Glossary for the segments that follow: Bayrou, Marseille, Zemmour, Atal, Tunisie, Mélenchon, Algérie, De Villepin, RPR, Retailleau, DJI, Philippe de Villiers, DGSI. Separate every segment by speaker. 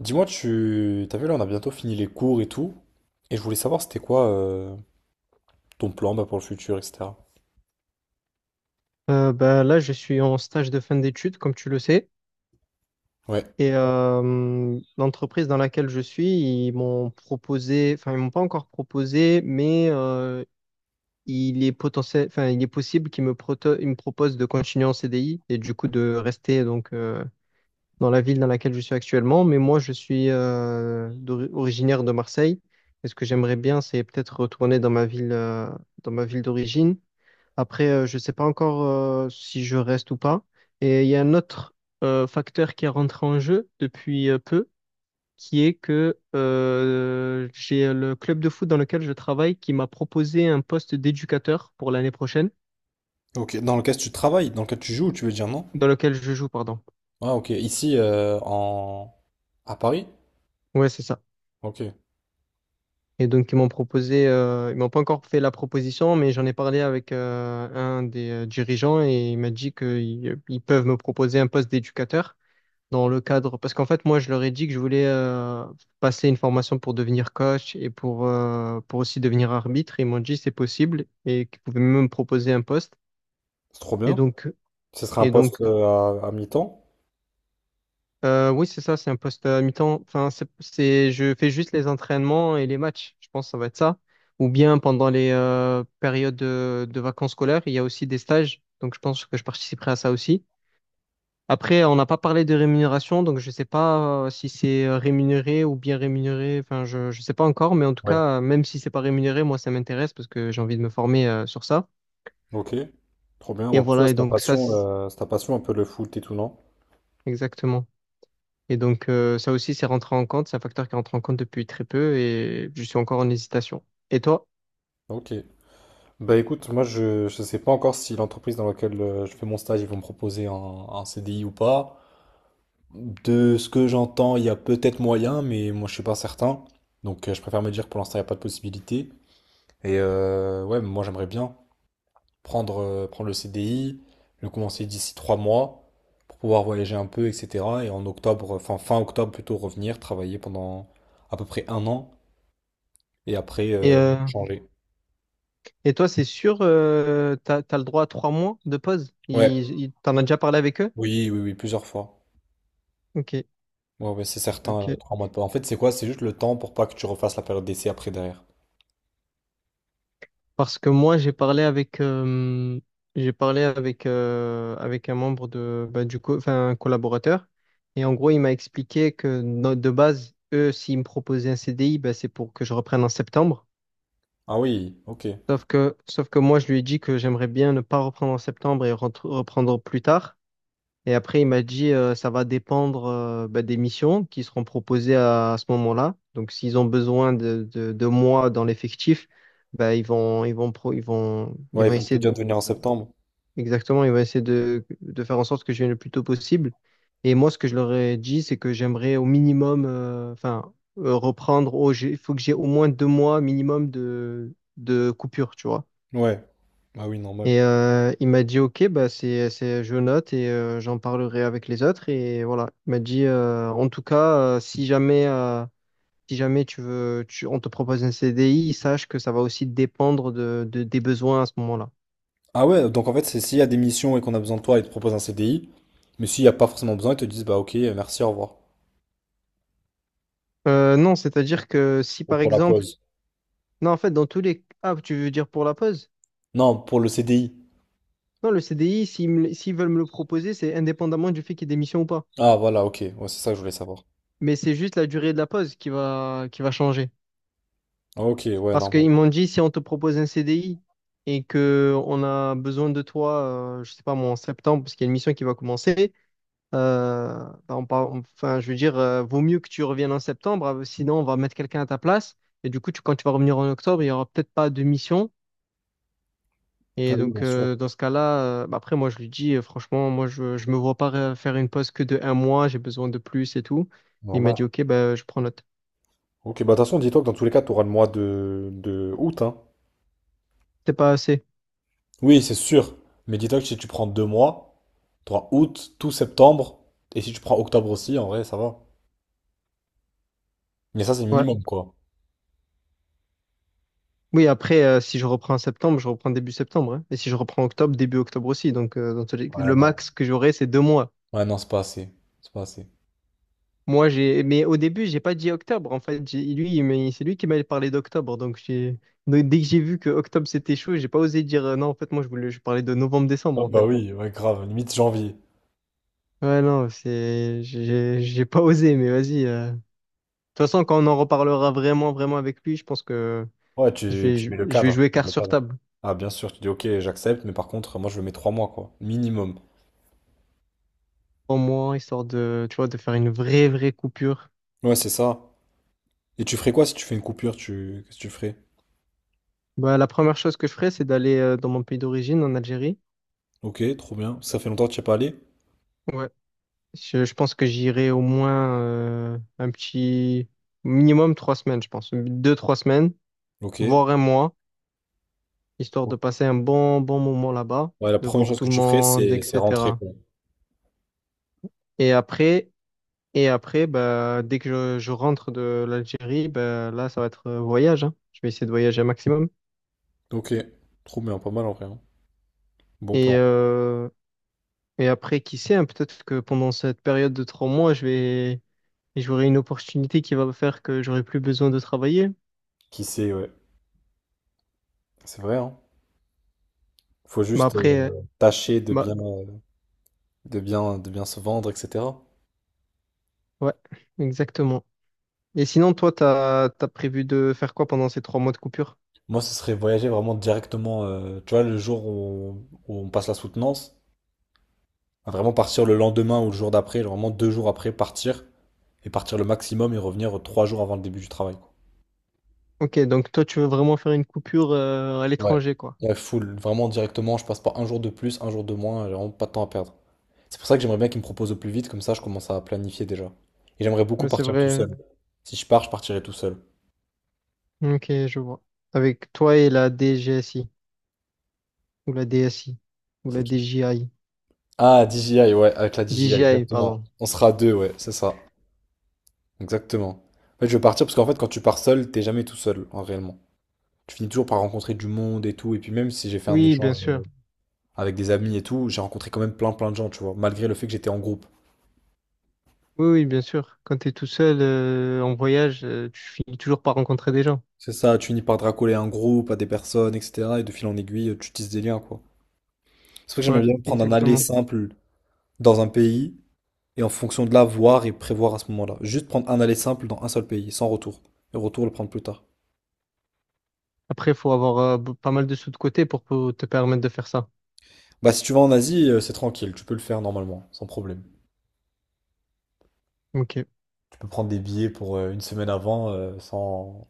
Speaker 1: Dis-moi, tu t'as vu là, on a bientôt fini les cours et tout, et je voulais savoir c'était quoi ton plan pour le futur, etc.
Speaker 2: Bah, là, je suis en stage de fin d'études, comme tu le sais.
Speaker 1: Ouais.
Speaker 2: Et l'entreprise dans laquelle je suis, ils m'ont proposé, enfin, ils m'ont pas encore proposé, mais il est potentiel, enfin, il est possible qu'ils me, proto- ils me proposent de continuer en CDI et du coup de rester, donc dans la ville dans laquelle je suis actuellement. Mais moi, je suis originaire de Marseille. Et ce que j'aimerais bien, c'est peut-être retourner dans ma ville d'origine. Après, je ne sais pas encore si je reste ou pas. Et il y a un autre facteur qui est rentré en jeu depuis peu, qui est que j'ai le club de foot dans lequel je travaille qui m'a proposé un poste d'éducateur pour l'année prochaine,
Speaker 1: Ok. Dans lequel tu travailles, dans lequel tu joues, tu veux dire non?
Speaker 2: dans lequel je joue, pardon.
Speaker 1: Ah ok. Ici en à Paris?
Speaker 2: Ouais, c'est ça.
Speaker 1: Ok.
Speaker 2: Et donc, ils m'ont proposé, ils m'ont pas encore fait la proposition, mais j'en ai parlé avec un des dirigeants, et il m'a dit qu'ils peuvent me proposer un poste d'éducateur dans le cadre, parce qu'en fait, moi, je leur ai dit que je voulais passer une formation pour devenir coach et pour aussi devenir arbitre. Ils m'ont dit c'est possible et qu'ils pouvaient même me proposer un poste.
Speaker 1: C'est trop
Speaker 2: Et
Speaker 1: bien.
Speaker 2: donc,
Speaker 1: Ce serait un
Speaker 2: et
Speaker 1: poste
Speaker 2: donc
Speaker 1: à mi-temps?
Speaker 2: oui, c'est ça, c'est un poste à mi-temps. Enfin, je fais juste les entraînements et les matchs. Je pense que ça va être ça. Ou bien pendant les périodes de vacances scolaires, il y a aussi des stages. Donc, je pense que je participerai à ça aussi. Après, on n'a pas parlé de rémunération, donc je ne sais pas si c'est rémunéré ou bien rémunéré. Enfin, je ne sais pas encore, mais en tout
Speaker 1: Ouais.
Speaker 2: cas, même si c'est pas rémunéré, moi, ça m'intéresse parce que j'ai envie de me former sur ça.
Speaker 1: Ok. Trop bien.
Speaker 2: Et
Speaker 1: Bon, pour toi,
Speaker 2: voilà.
Speaker 1: c'est ta passion un peu le foot et tout, non?
Speaker 2: Exactement. Et donc, ça aussi, c'est rentré en compte, c'est un facteur qui rentre en compte depuis très peu, et je suis encore en hésitation. Et toi?
Speaker 1: Ok. Bah écoute, moi je sais pas encore si l'entreprise dans laquelle je fais mon stage ils vont me proposer un CDI ou pas. De ce que j'entends, il y a peut-être moyen, mais moi je suis pas certain. Donc je préfère me dire que pour l'instant il n'y a pas de possibilité. Et ouais, moi j'aimerais bien prendre, prendre le CDI, le commencer d'ici 3 mois pour pouvoir voyager un peu, etc. Et en octobre, enfin fin octobre plutôt, revenir, travailler pendant à peu près 1 an et après
Speaker 2: Et, euh,
Speaker 1: changer.
Speaker 2: et toi, c'est sûr, t'as le droit à 3 mois de pause?
Speaker 1: Ouais,
Speaker 2: T'en as déjà parlé avec eux?
Speaker 1: oui, oui, oui, plusieurs fois.
Speaker 2: Ok,
Speaker 1: Ouais, ouais, c'est certain,
Speaker 2: ok.
Speaker 1: 3 mois de pause. En fait, c'est quoi? C'est juste le temps pour pas que tu refasses la période d'essai après derrière.
Speaker 2: Parce que moi, j'ai parlé avec un membre de, bah, enfin, un collaborateur. Et en gros, il m'a expliqué que, de base, eux, s'ils me proposaient un CDI, bah, c'est pour que je reprenne en septembre.
Speaker 1: Ah oui, ok.
Speaker 2: Sauf que moi, je lui ai dit que j'aimerais bien ne pas reprendre en septembre et reprendre plus tard. Et après, il m'a dit, ça va dépendre, bah, des missions qui seront proposées à ce moment-là. Donc, s'ils ont besoin de moi dans l'effectif, bah, ils vont, ils
Speaker 1: Ouais,
Speaker 2: vont
Speaker 1: ils vont te
Speaker 2: essayer de...
Speaker 1: dire de venir en septembre.
Speaker 2: Exactement, il va essayer de faire en sorte que je vienne le plus tôt possible. Et moi, ce que je leur ai dit, c'est que j'aimerais au minimum, enfin, il faut que j'ai au moins 2 mois minimum de coupure, tu vois.
Speaker 1: Ouais. Ah oui, normal.
Speaker 2: Et il m'a dit, OK, bah je note, et j'en parlerai avec les autres. Et voilà, il m'a dit, en tout cas, si jamais on te propose un CDI, sache que ça va aussi dépendre des besoins à ce moment-là.
Speaker 1: Ah ouais, donc en fait, c'est s'il y a des missions et qu'on a besoin de toi, ils te proposent un CDI. Mais s'il n'y a pas forcément besoin, ils te disent, bah ok, merci, au revoir.
Speaker 2: Non, c'est-à-dire que si
Speaker 1: Ou
Speaker 2: par
Speaker 1: pour la
Speaker 2: exemple...
Speaker 1: pause.
Speaker 2: Non, en fait, dans tous les... Ah, tu veux dire pour la pause?
Speaker 1: Non, pour le CDI.
Speaker 2: Non, le CDI, s'ils veulent me le proposer, c'est indépendamment du fait qu'il y ait des missions ou pas.
Speaker 1: Ah voilà, ok. Ouais, c'est ça que je voulais savoir.
Speaker 2: Mais c'est juste la durée de la pause qui va changer.
Speaker 1: Ah, ok, ouais,
Speaker 2: Parce
Speaker 1: normal.
Speaker 2: qu'ils m'ont dit, si on te propose un CDI et que on a besoin de toi, je sais pas moi, en septembre, parce qu'il y a une mission qui va commencer, euh, bah, enfin, je veux dire, vaut mieux que tu reviennes en septembre, sinon on va mettre quelqu'un à ta place. Et du coup, quand tu vas revenir en octobre, il y aura peut-être pas de mission.
Speaker 1: Ah
Speaker 2: Et
Speaker 1: oui, bien
Speaker 2: donc,
Speaker 1: sûr.
Speaker 2: dans ce cas-là, bah après, moi, je lui dis, franchement, moi, je me vois pas faire une pause que de un mois, j'ai besoin de plus et tout. Il m'a
Speaker 1: Normal.
Speaker 2: dit, OK, bah, je prends note.
Speaker 1: Ok, bah de toute façon, dis-toi que dans tous les cas, tu auras le mois de août, hein.
Speaker 2: C'est pas assez.
Speaker 1: Oui, c'est sûr. Mais dis-toi que si tu prends 2 mois, tu auras août, tout septembre. Et si tu prends octobre aussi, en vrai, ça va. Mais ça, c'est
Speaker 2: Ouais.
Speaker 1: minimum, quoi.
Speaker 2: Oui, après, si je reprends en septembre, je reprends début septembre, hein. Et si je reprends octobre, début octobre aussi. Donc,
Speaker 1: Ouais,
Speaker 2: le
Speaker 1: non.
Speaker 2: max que j'aurai, c'est 2 mois.
Speaker 1: Ouais, non, c'est pas assez. C'est pas assez.
Speaker 2: Moi, mais au début, j'ai pas dit octobre. En fait, lui, c'est lui qui m'a parlé d'octobre. Donc, dès que j'ai vu que octobre, c'était chaud, j'ai pas osé dire, non, en fait, moi, je parlais de novembre-décembre,
Speaker 1: Ah
Speaker 2: en
Speaker 1: bah
Speaker 2: fait.
Speaker 1: oui, ouais, grave, limite janvier.
Speaker 2: Ouais, non, j'ai pas osé, mais vas-y. De toute façon, quand on en reparlera vraiment, vraiment avec lui, je pense que
Speaker 1: Ouais,
Speaker 2: je
Speaker 1: tu,
Speaker 2: vais,
Speaker 1: tu
Speaker 2: je,
Speaker 1: mets le
Speaker 2: je vais
Speaker 1: cadre,
Speaker 2: jouer
Speaker 1: tu poses
Speaker 2: carte
Speaker 1: le
Speaker 2: sur
Speaker 1: cadre.
Speaker 2: table.
Speaker 1: Ah bien sûr, tu dis ok, j'accepte, mais par contre, moi je le mets 3 mois, quoi. Minimum.
Speaker 2: Pour moi, histoire de, tu vois, de faire une vraie, vraie coupure.
Speaker 1: Ouais, c'est ça. Et tu ferais quoi si tu fais une coupure, tu... Qu'est-ce que tu ferais?
Speaker 2: Bah, la première chose que je ferai, c'est d'aller dans mon pays d'origine, en Algérie.
Speaker 1: Ok, trop bien. Ça fait longtemps que tu n'y es pas allé?
Speaker 2: Ouais. Je pense que j'irai au moins un petit minimum 3 semaines, je pense. Deux, trois semaines,
Speaker 1: Ok.
Speaker 2: voire un mois, histoire de passer un bon moment là-bas,
Speaker 1: Ouais, la
Speaker 2: de
Speaker 1: première
Speaker 2: voir
Speaker 1: chose
Speaker 2: tout
Speaker 1: que
Speaker 2: le
Speaker 1: tu ferais,
Speaker 2: monde,
Speaker 1: c'est rentrer,
Speaker 2: etc.
Speaker 1: quoi.
Speaker 2: Et après, Bah, dès que je rentre de l'Algérie, bah, là, ça va être voyage, hein. Je vais essayer de voyager un maximum.
Speaker 1: Ok, trop bien, pas mal en vrai. Hein. Bon
Speaker 2: Et,
Speaker 1: plan.
Speaker 2: euh, et après, qui sait, hein, peut-être que pendant cette période de 3 mois, j'aurai une opportunité qui va faire que j'aurai plus besoin de travailler.
Speaker 1: Qui sait, ouais. C'est vrai, hein. Faut
Speaker 2: Bah,
Speaker 1: juste
Speaker 2: après,
Speaker 1: tâcher de
Speaker 2: bah,
Speaker 1: bien, de bien se vendre, etc.
Speaker 2: ouais, exactement. Et sinon, toi, t'as prévu de faire quoi pendant ces 3 mois de coupure?
Speaker 1: Moi, ce serait voyager vraiment directement, tu vois, le jour où on, où on passe la soutenance, à vraiment partir le lendemain ou le jour d'après, genre vraiment 2 jours après, partir, et partir le maximum et revenir 3 jours avant le début du travail, quoi.
Speaker 2: Ok, donc toi, tu veux vraiment faire une coupure à
Speaker 1: Ouais.
Speaker 2: l'étranger, quoi.
Speaker 1: Ouais, full, vraiment directement, je passe pas un jour de plus, un jour de moins, j'ai vraiment pas de temps à perdre. C'est pour ça que j'aimerais bien qu'ils me proposent au plus vite, comme ça je commence à planifier déjà. Et j'aimerais beaucoup
Speaker 2: Ouais, c'est
Speaker 1: partir tout
Speaker 2: vrai.
Speaker 1: seul. Si je pars, je partirai tout seul.
Speaker 2: Ok, je vois. Avec toi et la DGSI, ou la DSI, ou
Speaker 1: C'est
Speaker 2: la
Speaker 1: qui?
Speaker 2: DJI.
Speaker 1: Ah, DJI, ouais, avec la DJI,
Speaker 2: DJI,
Speaker 1: exactement.
Speaker 2: pardon.
Speaker 1: On sera deux, ouais, c'est ça. Exactement. En fait, je veux partir parce qu'en fait, quand tu pars seul, t'es jamais tout seul, en réellement. Tu finis toujours par rencontrer du monde et tout. Et puis même si j'ai fait un
Speaker 2: Oui, bien
Speaker 1: échange
Speaker 2: sûr.
Speaker 1: avec des amis et tout, j'ai rencontré quand même plein de gens, tu vois, malgré le fait que j'étais en groupe.
Speaker 2: Oui, oui, bien sûr. Quand tu es tout seul en voyage, tu finis toujours par rencontrer des gens.
Speaker 1: C'est ça, tu finis par te racoler à un groupe, à des personnes, etc. Et de fil en aiguille, tu tisses des liens, quoi. C'est pour ça que
Speaker 2: Ouais,
Speaker 1: j'aimerais bien prendre un aller
Speaker 2: exactement.
Speaker 1: simple dans un pays et en fonction de là, voir et prévoir à ce moment-là. Juste prendre un aller simple dans un seul pays, sans retour. Et retour, le prendre plus tard.
Speaker 2: Après, il faut avoir pas mal de sous de côté te permettre de faire ça.
Speaker 1: Bah, si tu vas en Asie, c'est tranquille, tu peux le faire normalement, sans problème.
Speaker 2: Ok,
Speaker 1: Tu peux prendre des billets pour 1 semaine avant sans,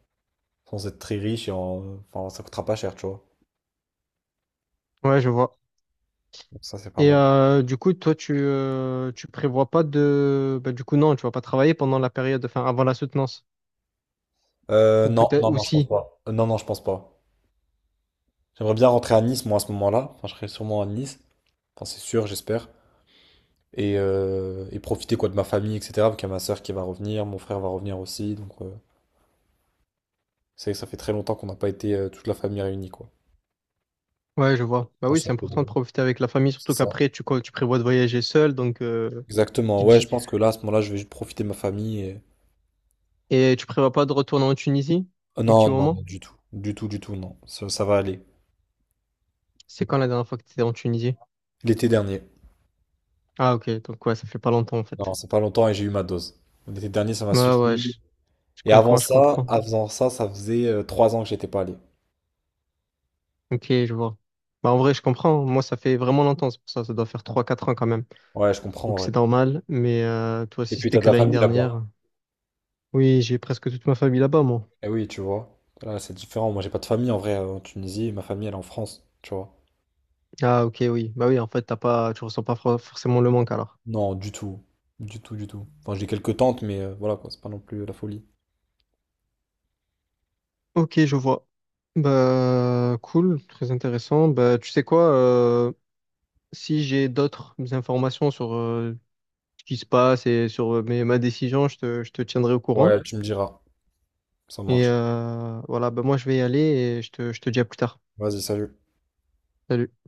Speaker 1: sans être très riche et en- enfin, ça coûtera pas cher, tu vois.
Speaker 2: ouais, je vois.
Speaker 1: Donc ça, c'est pas
Speaker 2: Et
Speaker 1: mal.
Speaker 2: du coup, toi, tu prévois pas de... Bah, du coup, non, tu vas pas travailler pendant la période, enfin, avant la soutenance. Ou
Speaker 1: Non,
Speaker 2: peut-être
Speaker 1: non, non, je pense
Speaker 2: aussi.
Speaker 1: pas. Non, non, je pense pas. J'aimerais bien rentrer à Nice, moi, à ce moment-là. Enfin, je serai sûrement à Nice. Enfin, c'est sûr, j'espère. Et profiter quoi de ma famille, etc. Parce qu'il y a ma soeur qui va revenir, mon frère va revenir aussi. Donc, c'est vrai que ça fait très longtemps qu'on n'a pas été toute la famille réunie, quoi.
Speaker 2: Ouais, je vois.
Speaker 1: Je
Speaker 2: Bah oui,
Speaker 1: pense que
Speaker 2: c'est
Speaker 1: ça fait...
Speaker 2: important de profiter avec la famille,
Speaker 1: c'est
Speaker 2: surtout
Speaker 1: ça.
Speaker 2: qu'après, tu prévois de voyager seul, donc... qui
Speaker 1: Exactement. Ouais,
Speaker 2: dit-
Speaker 1: je pense que là, à ce moment-là, je vais juste profiter de ma famille. Et-
Speaker 2: Et tu prévois pas de retourner en Tunisie? Un petit
Speaker 1: Non, non, non,
Speaker 2: moment?
Speaker 1: du tout. Du tout, du tout, non. Ça va aller.
Speaker 2: C'est quand la dernière fois que tu étais en Tunisie?
Speaker 1: L'été dernier.
Speaker 2: Ah ok, donc ouais, ça fait pas longtemps en
Speaker 1: Non,
Speaker 2: fait.
Speaker 1: c'est pas longtemps et j'ai eu ma dose. L'été dernier, ça m'a
Speaker 2: Ouais, ouais,
Speaker 1: suffi.
Speaker 2: je
Speaker 1: Et avant
Speaker 2: comprends, je
Speaker 1: ça,
Speaker 2: comprends.
Speaker 1: avant ça, ça faisait 3 ans que j'étais pas allé.
Speaker 2: Ok, je vois. Bah en vrai, je comprends, hein. Moi, ça fait vraiment longtemps, c'est pour ça, ça doit faire trois quatre ans quand même.
Speaker 1: Ouais, je comprends en
Speaker 2: Donc
Speaker 1: vrai.
Speaker 2: c'est normal, mais toi
Speaker 1: Et
Speaker 2: si
Speaker 1: puis
Speaker 2: c'était
Speaker 1: t'as de
Speaker 2: que
Speaker 1: la
Speaker 2: l'année
Speaker 1: famille là-bas.
Speaker 2: dernière. Oui, j'ai presque toute ma famille là-bas, moi.
Speaker 1: Eh oui, tu vois. Là, c'est différent. Moi, j'ai pas de famille en vrai en Tunisie. Ma famille, elle est en France, tu vois.
Speaker 2: Ah ok, oui. Bah oui, en fait, t'as pas, tu ressens pas forcément le manque alors.
Speaker 1: Non, du tout. Du tout, du tout. Enfin, j'ai quelques tantes, mais voilà quoi, c'est pas non plus la folie.
Speaker 2: Ok, je vois. Bah cool, très intéressant. Bah tu sais quoi, si j'ai d'autres informations sur ce qui se passe et sur ma décision, je te tiendrai au courant.
Speaker 1: Ouais, tu me diras. Ça
Speaker 2: Et
Speaker 1: marche.
Speaker 2: voilà. Ben moi, je vais y aller, et je te dis à plus tard.
Speaker 1: Vas-y, salut.
Speaker 2: Salut.